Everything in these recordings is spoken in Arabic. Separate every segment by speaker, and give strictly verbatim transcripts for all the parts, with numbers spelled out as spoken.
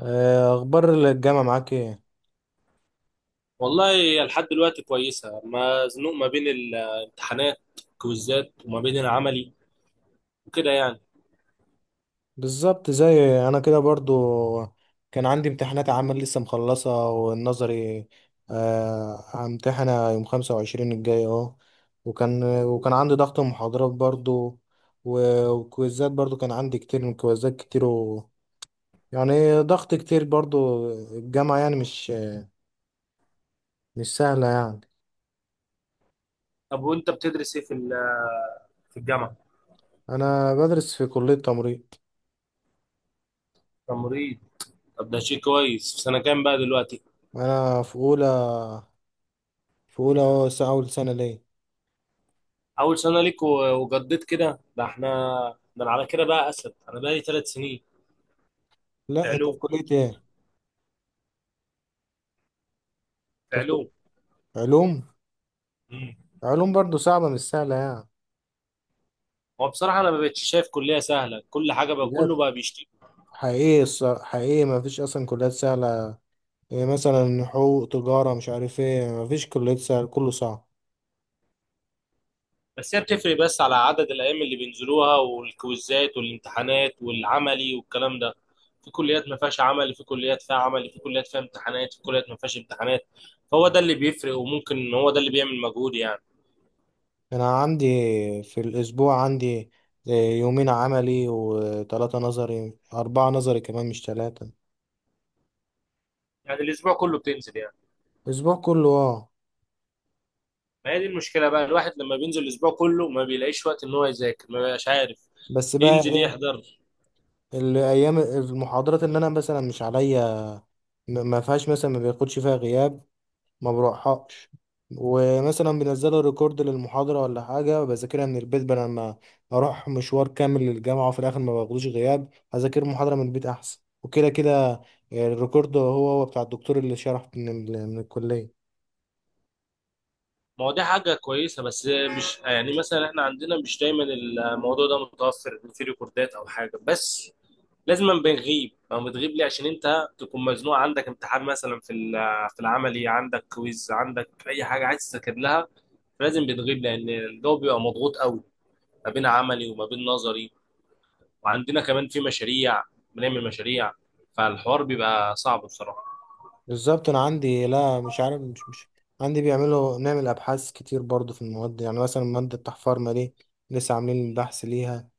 Speaker 1: آه، اخبار الجامعه معاك ايه؟
Speaker 2: والله لحد دلوقتي كويسة، مزنوق ما بين الامتحانات، كويزات، وما بين العملي وكده يعني.
Speaker 1: بالظبط زي انا كده برضو. كان عندي امتحانات عمل لسه مخلصه والنظري. آه، همتحنها يوم خمسة وعشرين الجاي اهو. وكان وكان عندي ضغط محاضرات برضو، و- وكويزات برضو، كان عندي كتير من كويزات كتير و... يعني ضغط كتير برضو. الجامعه يعني مش مش سهله يعني.
Speaker 2: طب وانت بتدرس ايه في ال- في الجامعة؟
Speaker 1: انا بدرس في كليه تمريض.
Speaker 2: تمريض. طب ده شيء كويس. في سنة كام بقى دلوقتي؟
Speaker 1: انا في اولى، في اولى أهو، س- اول سنه ليه.
Speaker 2: أول سنة ليك و- وجديت كده. ده احنا، ده أنا على كده بقى أسد، أنا بقى لي ثلاث سنين. في
Speaker 1: لا، انت في
Speaker 2: علوم.
Speaker 1: كليه ايه؟
Speaker 2: في
Speaker 1: تفكير.
Speaker 2: علوم.
Speaker 1: علوم.
Speaker 2: مم.
Speaker 1: علوم برضو صعبة مش سهلة يعني.
Speaker 2: هو بصراحة أنا ما بقتش شايف كلية سهلة، كل حاجة بقى كله
Speaker 1: بجد،
Speaker 2: بقى بيشتكي.
Speaker 1: حقيقي الصراحة حقيقي، ما فيش أصلا كليات سهلة. يعني مثلا حقوق، تجارة، مش عارف ايه، ما فيش كليات سهلة، كله صعب.
Speaker 2: بس هي بتفرق بس على عدد الايام اللي بينزلوها والكويزات والامتحانات والعملي والكلام ده. في كليات ما فيهاش عمل، في كليات فيها عمل، في كليات فيها امتحانات، في كليات ما فيهاش امتحانات. فهو ده اللي بيفرق، وممكن هو ده اللي بيعمل مجهود يعني.
Speaker 1: أنا عندي، في الأسبوع عندي، آه، يومين عملي وثلاثة نظري، أربعة نظري كمان مش ثلاثة.
Speaker 2: يعني الاسبوع كله بتنزل يعني.
Speaker 1: أسبوع كله، اه.
Speaker 2: ما هي دي المشكله بقى، الواحد لما بينزل الاسبوع كله ما بيلاقيش وقت ان هو يذاكر، ما بيبقاش عارف
Speaker 1: بس بقى
Speaker 2: ينزل
Speaker 1: ايه،
Speaker 2: يحضر.
Speaker 1: الأيام المحاضرات اللي أنا مثلا مش عليا، ما ما فيهاش، مثلا ما بياخدش فيها غياب، ما بروحهاش. ومثلا بنزلوا ريكورد للمحاضرة ولا حاجة، بذاكرها من البيت بدل ما أروح مشوار كامل للجامعة وفي الآخر ما باخدوش غياب. هذاكر محاضرة من البيت أحسن وكده كده. الريكورد هو هو بتاع الدكتور اللي شرح من, ال- من الكلية.
Speaker 2: ما هو دي حاجه كويسه، بس مش يعني مثلا احنا عندنا مش دايما الموضوع ده متوفر في ريكوردات او حاجه. بس لازم بنغيب او بتغيب ليه، عشان انت تكون مزنوق، عندك امتحان مثلا في ال- في العملي، عندك كويز، عندك اي حاجه عايز تذاكر لها. لازم بتغيب لان الجو بيبقى مضغوط قوي، ما بين عملي وما بين نظري. وعندنا كمان في مشاريع، بنعمل مشاريع. فالحوار بيبقى صعب بصراحه.
Speaker 1: بالظبط. أنا عندي، لا مش عارف. مش مش عندي، بيعملوا نعمل أبحاث كتير برضو في المواد. يعني مثلا مادة التحفار ما دي، لسه عاملين بحث ليها.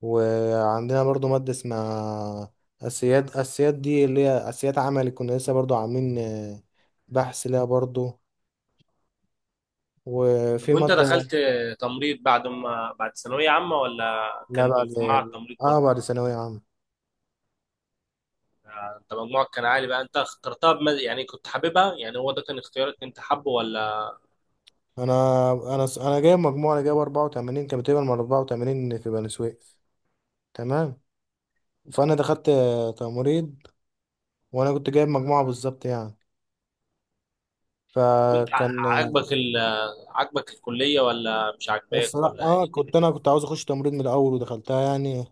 Speaker 1: وعندنا برضو مادة اسمها أسياد أسياد، دي اللي هي أسياد عملي، كنا لسه برضو عاملين آه، بحث ليها برضو.
Speaker 2: طب
Speaker 1: وفي
Speaker 2: وانت
Speaker 1: مادة.
Speaker 2: دخلت تمريض بعد ما بعد ثانويه عامه ولا
Speaker 1: لا،
Speaker 2: كنت
Speaker 1: بعد.
Speaker 2: في معهد تمريض
Speaker 1: اه، بعد
Speaker 2: برضه؟
Speaker 1: ثانوية عامة.
Speaker 2: انت مجموعك كان عالي بقى، انت اخترتها بمز... يعني كنت حاببها، يعني هو ده كان اختيارك، انت حابه ولا؟
Speaker 1: أنا أنا أنا جايب مجموعة، أنا جايب أربعة وثمانين، كان بتقبل من أربعة وثمانين في بني سويف. تمام. فأنا دخلت آه، تمريض، وأنا كنت جايب مجموعة بالظبط يعني.
Speaker 2: طب وانت ع-
Speaker 1: فكان،
Speaker 2: عاجبك ال عاجبك الكلية ولا مش عاجباك
Speaker 1: الصراحة
Speaker 2: ولا
Speaker 1: اه،
Speaker 2: ايه
Speaker 1: كنت
Speaker 2: الدنيا؟
Speaker 1: انا كنت عاوز اخش تمريض من الاول ودخلتها يعني.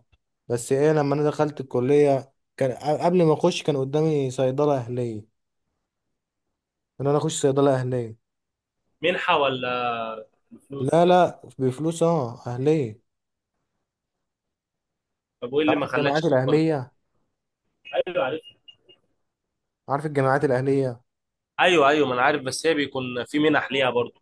Speaker 1: بس ايه، لما انا دخلت الكلية كان ق- قبل ما اخش كان قدامي صيدلة اهلية، ان انا اخش صيدلة اهلية.
Speaker 2: منحة ولا فلوس؟
Speaker 1: لا لا، بفلوس اه، اهلية.
Speaker 2: طب وايه اللي
Speaker 1: عارف
Speaker 2: ما
Speaker 1: الجامعات
Speaker 2: خلاكش تتقبل؟
Speaker 1: الاهلية؟
Speaker 2: ايوه عارف.
Speaker 1: عارف الجامعات الاهلية.
Speaker 2: ايوه، ايوه، ما انا عارف، بس هي بيكون في منح ليها برضه.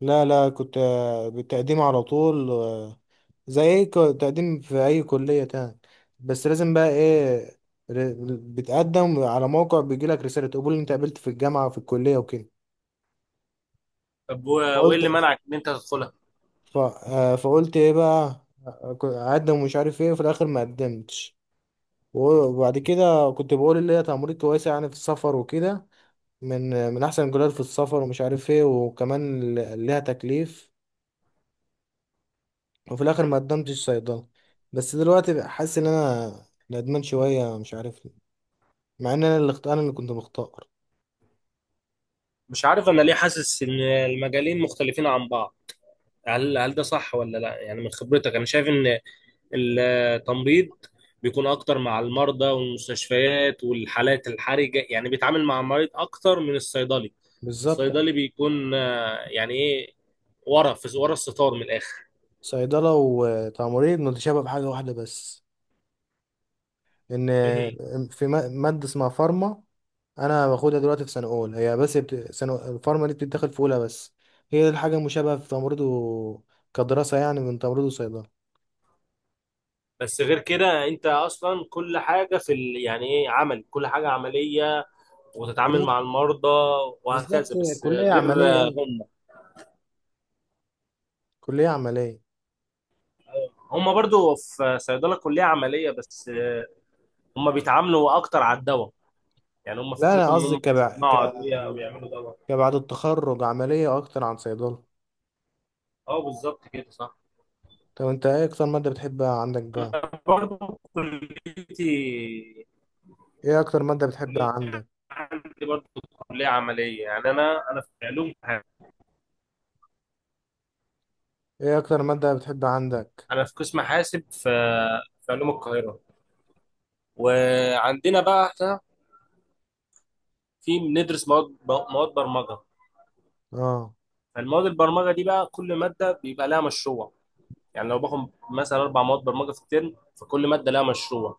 Speaker 1: لا لا، كنت آه، بالتقديم على طول. آه، زي اي ك- تقديم في اي كلية تاني، بس لازم بقى ايه، ر- بتقدم على موقع، بيجيلك رسالة قبول إن انت قابلت في الجامعة وفي الكلية وكده.
Speaker 2: طب و- وايه اللي
Speaker 1: فقلت،
Speaker 2: منعك ان انت تدخلها؟
Speaker 1: ف... آه، فقلت ايه بقى، ك- اقدم ومش عارف ايه، وفي الاخر ما قدمتش. وبعد كده كنت بقول اللي هي تمريض كويسه يعني في السفر وكده، من من احسن الكليات في السفر، ومش عارف ايه، وكمان ل- ليها تكليف. وفي الاخر ما قدمتش صيدله. بس دلوقتي بقى حاسس ان انا ندمان شويه، مش عارف ليه، مع ان انا اللي اخت- انا اللي كنت مختار.
Speaker 2: مش عارف انا ليه حاسس ان المجالين مختلفين عن بعض. هل هل ده صح ولا لا؟ يعني من خبرتك انا شايف ان التمريض بيكون اكتر مع المرضى والمستشفيات والحالات الحرجه، يعني بيتعامل مع المريض اكتر من الصيدلي.
Speaker 1: بالظبط.
Speaker 2: الصيدلي بيكون آه، يعني ايه، ورا، في ورا الستار من الاخر.
Speaker 1: صيدله وتمريض متشابه بحاجه واحده بس،
Speaker 2: إيه.
Speaker 1: ان في ما- ماده اسمها فارما، انا باخدها دلوقتي في سنه اولى، هي بس بت... سنه الفارما دي بتتدخل في اولى بس. هي دي الحاجه المشابهه في تمريض و... كدراسه يعني من تمريض وصيدله.
Speaker 2: بس غير كده انت اصلا كل حاجه في ال... يعني ايه عمل، كل حاجه عمليه وتتعامل
Speaker 1: علاج-
Speaker 2: مع المرضى
Speaker 1: بالظبط.
Speaker 2: وهكذا، بس
Speaker 1: كليه
Speaker 2: غير
Speaker 1: عمليه،
Speaker 2: آه،
Speaker 1: أيوة.
Speaker 2: هم.
Speaker 1: كليه عمليه.
Speaker 2: هم برضو في صيدله كليه عمليه، بس آه، هم بيتعاملوا اكتر على الدواء، يعني هم
Speaker 1: لا، انا
Speaker 2: فكرتهم ان
Speaker 1: قصدي
Speaker 2: هم
Speaker 1: كبع...
Speaker 2: يصنعوا
Speaker 1: ك...
Speaker 2: ادويه او يعملوا دواء.
Speaker 1: كبعد التخرج عمليه اكتر عن صيدله.
Speaker 2: اه بالظبط كده صح.
Speaker 1: طب انت ايه اكتر ماده بتحبها عندك بقى؟
Speaker 2: انا برضه كليتي
Speaker 1: ايه اكتر ماده بتحبها
Speaker 2: كلية
Speaker 1: عندك؟
Speaker 2: عندي برضه كليه عمليه يعني، انا انا في علوم حاسب.
Speaker 1: ايه اكتر ماده بتحبها عندك؟
Speaker 2: انا في قسم حاسب في في علوم القاهره. وعندنا بقى احنا في بندرس مواد مواد برمجه.
Speaker 1: اه.
Speaker 2: فالمواد البرمجه دي بقى كل ماده بيبقى لها مشروع. يعني لو باخد مثلا اربع مواد برمجه في الترم، فكل ماده لها مشروع،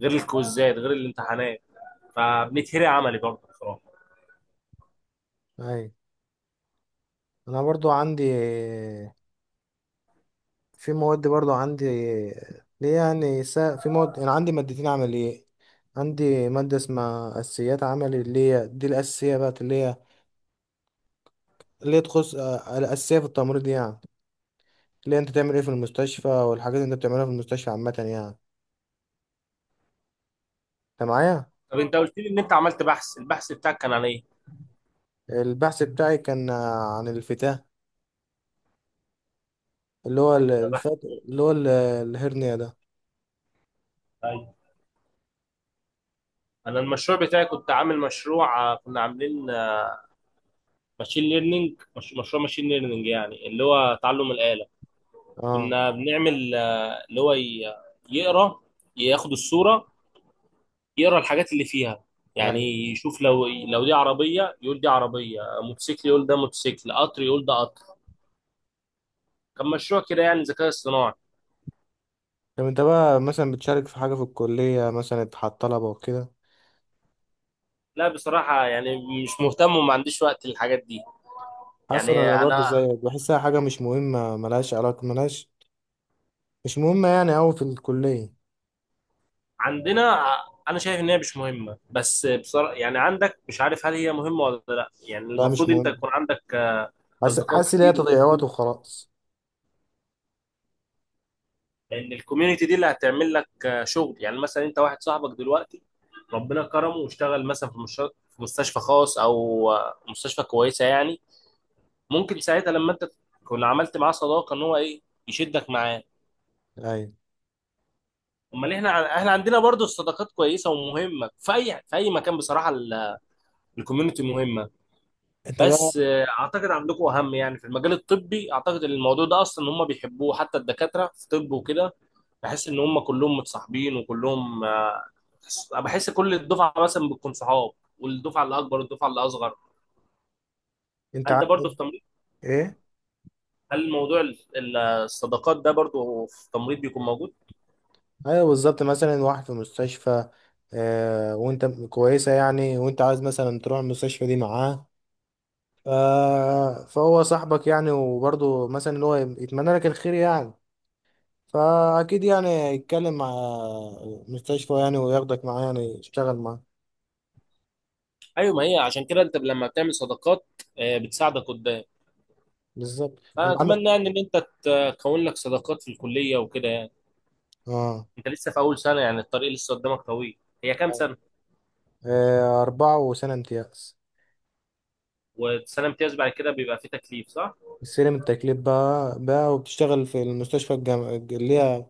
Speaker 2: غير الكويزات غير الامتحانات. فبنتهري عملي برضه بصراحه.
Speaker 1: اي، انا برضو عندي، في مواد برضو عندي ليه يعني، سا... في مواد أنا عندي مادتين عملية. عندي مادة اسمها أساسيات عملي، اللي هي دي الأساسية بقى، اللي هي، اللي هي تخص آه، الأساسية في التمريض يعني، اللي هي أنت تعمل إيه في المستشفى، والحاجات اللي أنت بتعملها في المستشفى عامة يعني. أنت معايا؟
Speaker 2: طب انت قلت لي ان انت عملت بحث، البحث بتاعك كان عن ايه؟
Speaker 1: البحث بتاعي كان آه، عن الفتاة، اللي هو ال- الفات، اللي هو ال- الهرنية ده.
Speaker 2: ايوه. انا المشروع بتاعي كنت عامل مشروع، آه، كنا عاملين ماشين ليرنينج. مش مشروع ماشين ليرنينج، يعني اللي هو تعلم الآلة.
Speaker 1: اه.
Speaker 2: كنا بنعمل آه، اللي هو ي- يقرا، ياخد الصورة، يقرا الحاجات اللي فيها
Speaker 1: يعني.
Speaker 2: يعني. يشوف لو لو دي عربية يقول دي عربية، موتوسيكل يقول ده موتوسيكل، قطر يقول ده قطر. كان مشروع كده يعني ذكاء اصطناعي.
Speaker 1: طب أنت بقى مثلا بتشارك في حاجة في الكلية، مثلا اتحط طلبة وكده؟
Speaker 2: لا بصراحة يعني مش مهتم وما عنديش وقت للحاجات دي.
Speaker 1: حسن،
Speaker 2: يعني
Speaker 1: انا برضو
Speaker 2: انا
Speaker 1: زيك بحسها حاجه مش مهمه، ملهاش علاقه، ملهاش، مش مهمه يعني أوي في الكليه.
Speaker 2: عندنا ع- انا شايف ان هي مش مهمه، بس بصراحه يعني عندك مش عارف هل هي مهمه ولا لا. يعني
Speaker 1: لا مش
Speaker 2: المفروض انت
Speaker 1: مهم،
Speaker 2: يكون عندك آه،
Speaker 1: حاسس
Speaker 2: اصدقاء
Speaker 1: حاسس ان هي
Speaker 2: كتير
Speaker 1: تضييع وقت
Speaker 2: وكتير،
Speaker 1: وخلاص.
Speaker 2: لان الكوميونتي دي اللي هتعمل لك آه، شغل. يعني مثلا انت واحد صاحبك دلوقتي ربنا كرمه واشتغل مثلا في مش- في مستشفى خاص او آه، مستشفى كويسه يعني، ممكن ساعتها لما انت تكون عملت معاه صداقه ان هو ايه، يشدك معاه.
Speaker 1: ايوه.
Speaker 2: امال احنا ع- احنا عندنا برضو الصداقات كويسه ومهمه في اي في اي مكان بصراحه. ال- الكوميونتي مهمه،
Speaker 1: انت بقى
Speaker 2: بس آه، اعتقد عندكم اهم يعني، في المجال الطبي اعتقد ان الموضوع ده اصلا هم بيحبوه حتى الدكاتره في طب وكده. بحس ان هم كلهم متصاحبين وكلهم آه، بحس كل الدفعه مثلا بتكون صحاب، والدفعه اللي اكبر والدفعه اللي اصغر.
Speaker 1: انت
Speaker 2: هل ده برضو
Speaker 1: عندك
Speaker 2: في تمريض؟
Speaker 1: ايه؟
Speaker 2: هل موضوع ال- ال- الصداقات ده برضو في تمريض بيكون موجود؟
Speaker 1: ايوه، بالظبط، مثلا واحد في مستشفى، آه وانت كويسه يعني، وانت عايز مثلا تروح المستشفى دي معاه. ف- فهو صاحبك يعني، وبرضه مثلا اللي هو يتمنى لك الخير يعني. فاكيد يعني يتكلم مع المستشفى يعني، وياخدك معاه يعني يشتغل معاه.
Speaker 2: ايوه ما هي عشان كده انت لما بتعمل صداقات آه، بتساعدك قدام.
Speaker 1: بالظبط.
Speaker 2: فانا اتمنى يعني ان انت تكون لك صداقات في الكليه وكده يعني.
Speaker 1: اه.
Speaker 2: انت لسه في اول سنه يعني، الطريق لسه قدامك طويل. هي كام سنه؟
Speaker 1: آه، أربعة وسنة امتياز.
Speaker 2: وسنه امتياز بعد كده بيبقى فيه تكليف صح؟
Speaker 1: السلم التكليف بقى بقى وبتشتغل في المستشفى الجامعة، اللي هي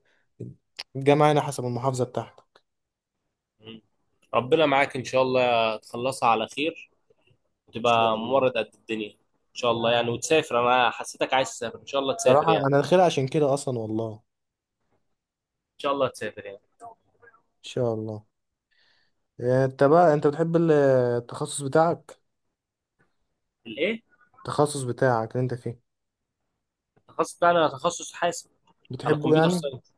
Speaker 1: الجامعة هنا حسب المحافظة بتاعتك.
Speaker 2: مم. ربنا معاك ان شاء الله تخلصها على خير
Speaker 1: إن شاء
Speaker 2: وتبقى
Speaker 1: الله.
Speaker 2: ممرض قد الدنيا. ان شاء الله يعني، وتسافر. انا حسيتك عايز تسافر، ان شاء الله تسافر
Speaker 1: صراحة
Speaker 2: يعني.
Speaker 1: أنا داخلها عشان كده أصلا، والله إن
Speaker 2: ان شاء الله تسافر يعني.
Speaker 1: شاء الله. آه، أنت بقى، أنت بتحب ال- التخصص بتاعك؟
Speaker 2: الايه؟
Speaker 1: التخصص بتاعك اللي أنت فيه،
Speaker 2: التخصص بتاعي انا تخصص حاسب. انا
Speaker 1: بتحبه
Speaker 2: كمبيوتر
Speaker 1: يعني؟
Speaker 2: ساينس.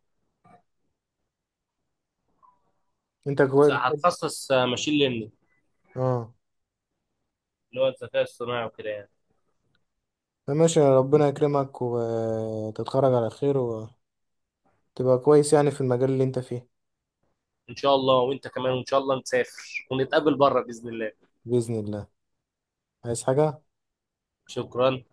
Speaker 1: أنت كويس بتحب.
Speaker 2: هتخصص ماشين ليرنينج،
Speaker 1: أه.
Speaker 2: اللي هو الذكاء الصناعي وكده يعني.
Speaker 1: فماشي، ربنا يكرمك وتتخرج على خير وتبقى كويس يعني في المجال اللي أنت فيه.
Speaker 2: ان شاء الله وانت كمان، وان شاء الله نسافر ونتقابل بره باذن الله.
Speaker 1: بإذن الله. عايز حاجة؟
Speaker 2: شكرا.